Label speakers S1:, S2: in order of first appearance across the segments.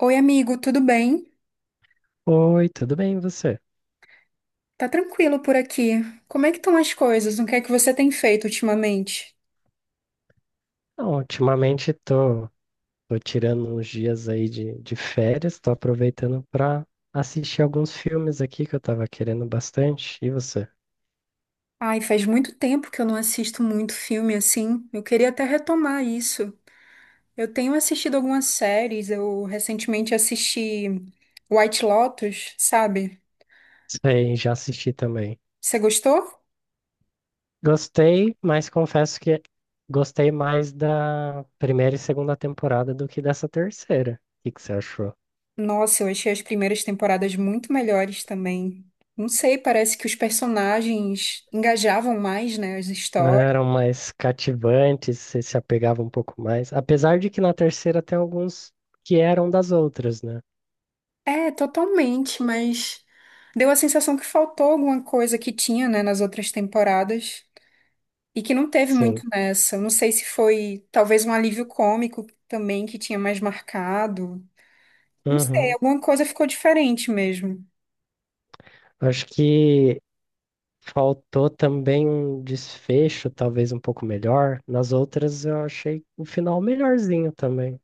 S1: Oi, amigo, tudo bem?
S2: Oi, tudo bem e você?
S1: Tá tranquilo por aqui. Como é que estão as coisas? O que é que você tem feito ultimamente?
S2: Não, ultimamente tô tirando uns dias aí de férias, tô aproveitando pra assistir alguns filmes aqui que eu tava querendo bastante. E você?
S1: Ai, faz muito tempo que eu não assisto muito filme assim. Eu queria até retomar isso. Eu tenho assistido algumas séries. Eu recentemente assisti White Lotus, sabe?
S2: Sei, já assisti também.
S1: Você gostou?
S2: Gostei, mas confesso que gostei mais da primeira e segunda temporada do que dessa terceira. O que que você achou?
S1: Nossa, eu achei as primeiras temporadas muito melhores também. Não sei, parece que os personagens engajavam mais, né, as
S2: Não
S1: histórias.
S2: eram mais cativantes, você se apegava um pouco mais. Apesar de que na terceira tem alguns que eram das outras, né?
S1: É, totalmente, mas deu a sensação que faltou alguma coisa que tinha, né, nas outras temporadas e que não teve muito
S2: Sim.
S1: nessa. Não sei se foi talvez um alívio cômico também que tinha mais marcado. Não sei,
S2: Uhum.
S1: alguma coisa ficou diferente mesmo.
S2: Acho que faltou também um desfecho, talvez um pouco melhor. Nas outras, eu achei o final melhorzinho também.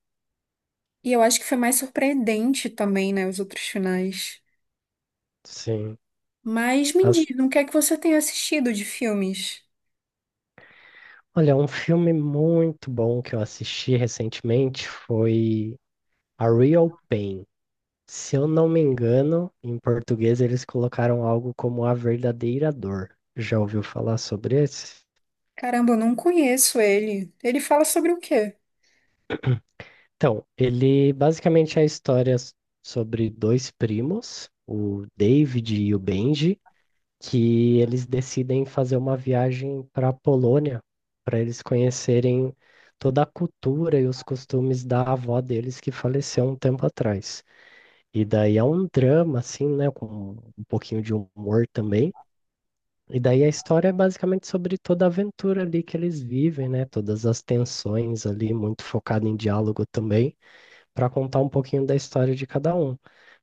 S1: E eu acho que foi mais surpreendente também, né, os outros finais.
S2: Sim.
S1: Mas me
S2: As...
S1: diz, o que é que você tem assistido de filmes?
S2: Olha, um filme muito bom que eu assisti recentemente foi A Real Pain. Se eu não me engano, em português eles colocaram algo como A Verdadeira Dor. Já ouviu falar sobre esse?
S1: Caramba, eu não conheço ele. Ele fala sobre o quê?
S2: Então, ele basicamente é a sobre dois primos, o David e o Benji, que eles decidem fazer uma viagem para a Polônia, para eles conhecerem toda a cultura e os costumes da avó deles que faleceu um tempo atrás. E daí é um drama, assim, né, com um pouquinho de humor também. E daí a história é basicamente sobre toda a aventura ali que eles vivem, né, todas as tensões ali, muito focado em diálogo também para contar um pouquinho da história de cada um.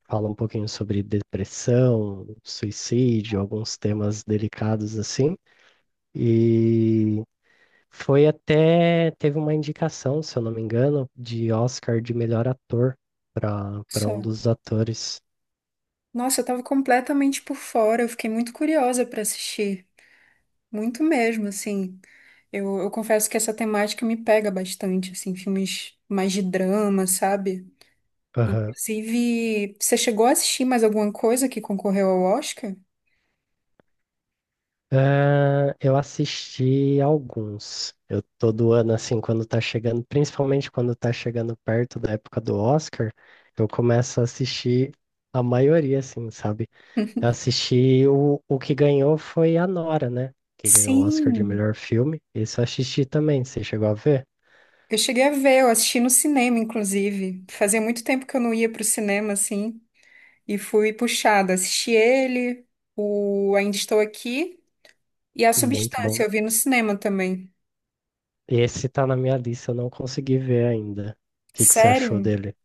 S2: Fala um pouquinho sobre depressão, suicídio, alguns temas delicados assim. E foi até, teve uma indicação, se eu não me engano, de Oscar de melhor ator para um
S1: Só.
S2: dos atores.
S1: Nossa, eu tava completamente por fora, eu fiquei muito curiosa pra assistir, muito mesmo, assim. Eu confesso que essa temática me pega bastante, assim, filmes mais de drama, sabe?
S2: Aham.
S1: Inclusive, você chegou a assistir mais alguma coisa que concorreu ao Oscar?
S2: Ah, eu assisti alguns. Eu todo ano, assim, quando tá chegando, principalmente quando tá chegando perto da época do Oscar, eu começo a assistir a maioria, assim, sabe? Eu assisti o que ganhou foi a Nora, né? Que ganhou o Oscar de
S1: Sim,
S2: melhor filme. Esse eu assisti também. Você chegou a ver?
S1: eu cheguei a ver, eu assisti no cinema, inclusive. Fazia muito tempo que eu não ia pro cinema, assim, e fui puxada. Assisti ele, o Ainda Estou Aqui e A
S2: Muito
S1: Substância,
S2: bom.
S1: eu vi no cinema também.
S2: Esse tá na minha lista, eu não consegui ver ainda. O que que você achou
S1: Sério?
S2: dele?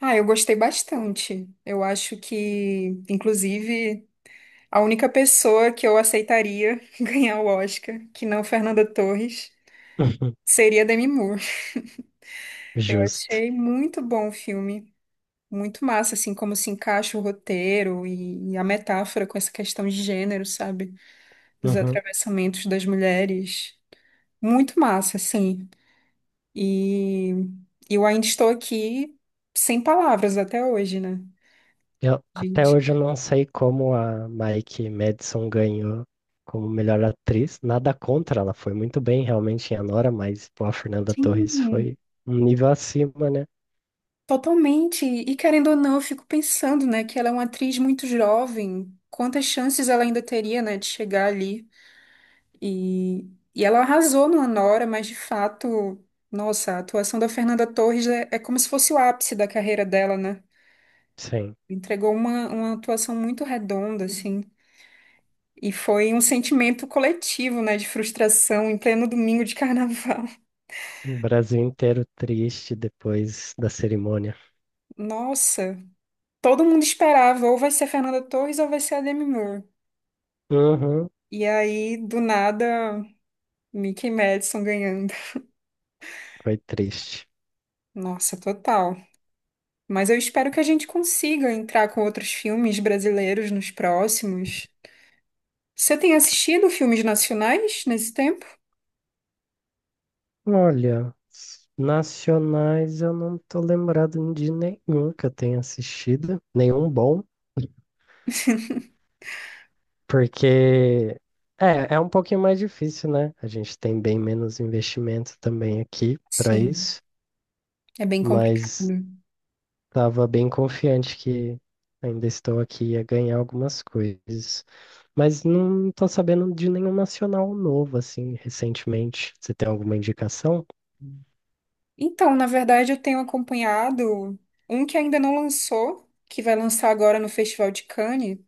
S1: Ah, eu gostei bastante. Eu acho que, inclusive, a única pessoa que eu aceitaria ganhar o Oscar, que não Fernanda Torres,
S2: Uhum.
S1: seria Demi Moore. Eu
S2: Justo.
S1: achei muito bom o filme, muito massa, assim, como se encaixa o roteiro e a metáfora com essa questão de gênero, sabe? Dos
S2: Uhum.
S1: atravessamentos das mulheres. Muito massa, assim. E eu ainda estou aqui sem palavras até hoje, né?
S2: Eu, até
S1: Gente.
S2: hoje eu não sei como a Mike Madison ganhou como melhor atriz. Nada contra, ela foi muito bem realmente em Anora, mas pô, a Fernanda Torres foi
S1: Sim.
S2: um nível acima, né?
S1: Totalmente. E querendo ou não, eu fico pensando, né, que ela é uma atriz muito jovem. Quantas chances ela ainda teria, né, de chegar ali? E, e ela arrasou no Anora, mas de fato, nossa, a atuação da Fernanda Torres é, é como se fosse o ápice da carreira dela, né?
S2: Sim.
S1: Entregou uma atuação muito redonda, assim. E foi um sentimento coletivo, né, de frustração em pleno domingo de carnaval.
S2: O Brasil inteiro triste depois da cerimônia.
S1: Nossa, todo mundo esperava, ou vai ser a Fernanda Torres ou vai ser a Demi Moore.
S2: Uhum,
S1: E aí, do nada. Mickey Madison ganhando.
S2: foi triste.
S1: Nossa, total. Mas eu espero que a gente consiga entrar com outros filmes brasileiros nos próximos. Você tem assistido filmes nacionais nesse tempo?
S2: Olha, s- nacionais eu não tô lembrado de nenhum que eu tenha assistido, nenhum bom, porque é um pouquinho mais difícil, né? A gente tem bem menos investimento também aqui para
S1: Sim,
S2: isso,
S1: é bem
S2: mas
S1: complicado.
S2: tava bem confiante que ainda estou aqui a ganhar algumas coisas. Mas não tô sabendo de nenhum nacional novo, assim, recentemente. Você tem alguma indicação?
S1: Então, na verdade, eu tenho acompanhado um que ainda não lançou, que vai lançar agora no Festival de Cannes,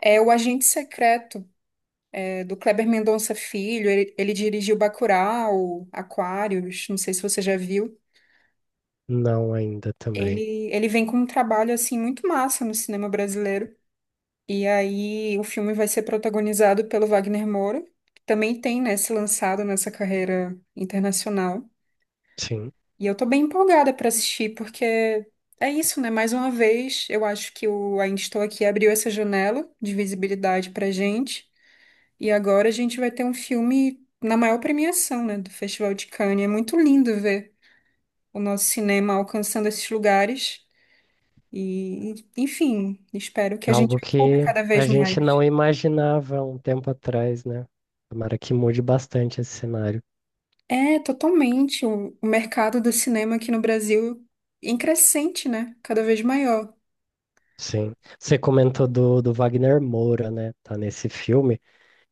S1: é O Agente Secreto, é, do Kleber Mendonça Filho. Ele dirigiu Bacurau, Aquários, não sei se você já viu.
S2: Não ainda também.
S1: Ele vem com um trabalho assim muito massa no cinema brasileiro. E aí o filme vai ser protagonizado pelo Wagner Moura, que também tem, né, se lançado nessa carreira internacional.
S2: Sim.
S1: E eu tô bem empolgada para assistir, porque é isso, né? Mais uma vez, eu acho que o Ainda Estou Aqui abriu essa janela de visibilidade pra gente. E agora a gente vai ter um filme na maior premiação, né, do Festival de Cannes. É muito lindo ver o nosso cinema alcançando esses lugares. E, enfim, espero que a gente
S2: Algo
S1: ocupe
S2: que
S1: cada
S2: a
S1: vez
S2: gente
S1: mais.
S2: não imaginava um tempo atrás, né? Tomara que mude bastante esse cenário.
S1: É, totalmente. O mercado do cinema aqui no Brasil em crescente, né? Cada vez maior.
S2: Sim. Você comentou do Wagner Moura, né? Tá nesse filme.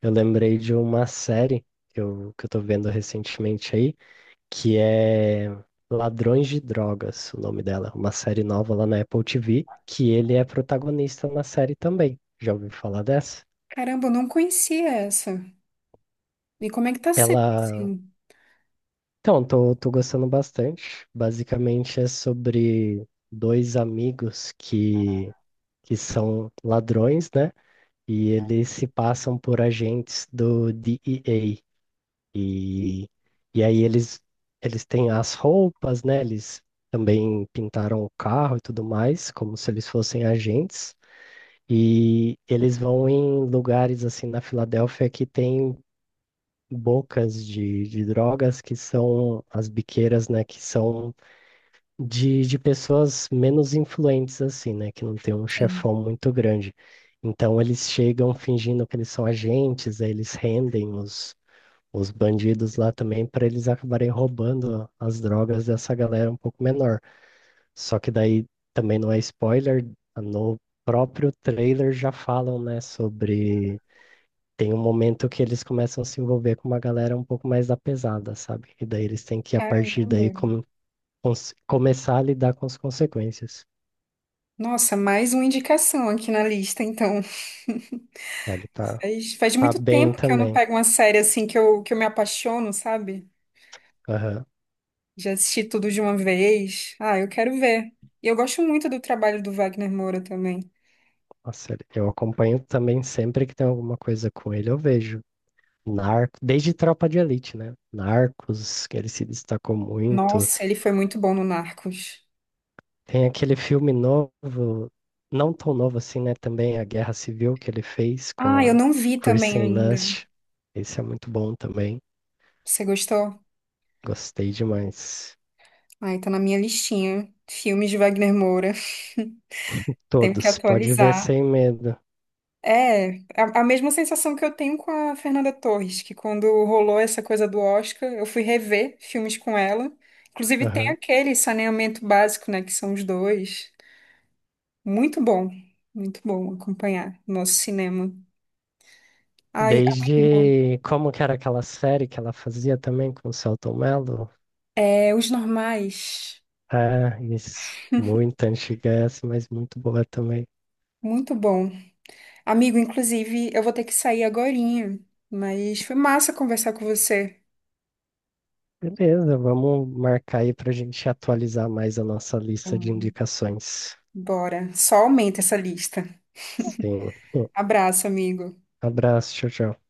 S2: Eu lembrei de uma série que eu tô vendo recentemente aí, que é Ladrões de Drogas, o nome dela, uma série nova lá na Apple TV, que ele é protagonista na série também. Já ouviu falar dessa?
S1: Caramba, eu não conhecia essa. E como é que tá sendo assim?
S2: Ela. Então, tô gostando bastante. Basicamente é sobre dois amigos que são ladrões, né? E eles se passam por agentes do DEA. E, e aí eles, eles têm as roupas, né? Eles também pintaram o carro e tudo mais, como se eles fossem agentes. E eles vão em lugares assim na Filadélfia que tem bocas de drogas, que são as biqueiras, né? Que são de pessoas menos influentes, assim, né? Que não tem um
S1: Sim.
S2: chefão muito grande. Então eles chegam fingindo que eles são agentes, aí eles rendem os bandidos lá também para eles acabarem roubando as drogas dessa galera um pouco menor. Só que daí também não é spoiler, no próprio trailer já falam, né, sobre, tem um momento que eles começam a se envolver com uma galera um pouco mais da pesada, sabe? E daí eles têm que, a partir daí,
S1: Caramba.
S2: começar a lidar com as consequências.
S1: Nossa, mais uma indicação aqui na lista, então.
S2: É, ele
S1: Faz
S2: tá
S1: muito
S2: bem
S1: tempo que eu não
S2: também.
S1: pego uma série assim que eu me apaixono, sabe?
S2: Aham.
S1: Já assisti tudo de uma vez. Ah, eu quero ver. E eu gosto muito do trabalho do Wagner Moura também.
S2: Nossa, ele, eu acompanho também sempre que tem alguma coisa com ele, eu vejo. Narco, desde Tropa de Elite, né? Narcos, que ele se destacou muito.
S1: Nossa, ele foi muito bom no Narcos.
S2: Tem aquele filme novo, não tão novo assim, né? Também a Guerra Civil que ele fez com
S1: Ah, eu
S2: a
S1: não vi também
S2: Kirsten
S1: ainda.
S2: Dunst. Esse é muito bom também.
S1: Você gostou?
S2: Gostei demais.
S1: Ai, tá na minha listinha. Filmes de Wagner Moura. Tenho que
S2: Todos, pode ver
S1: atualizar.
S2: sem medo.
S1: É, a mesma sensação que eu tenho com a Fernanda Torres, que quando rolou essa coisa do Oscar, eu fui rever filmes com ela. Inclusive tem
S2: Aham.
S1: aquele Saneamento Básico, né, que são os dois. Muito bom, muito bom acompanhar o nosso cinema. Ai, amigo,
S2: Desde, como que era aquela série que ela fazia também com o Selton Mello?
S1: é, Os Normais,
S2: Ah, isso. Muito antiga essa, mas muito boa também.
S1: muito bom. Amigo, inclusive, eu vou ter que sair agorinha, mas foi massa conversar com você.
S2: Beleza, vamos marcar aí para a gente atualizar mais a nossa lista de
S1: Hum,
S2: indicações.
S1: Bora, só aumenta essa lista.
S2: Sim. Um
S1: Abraço, amigo.
S2: abraço, tchau, tchau.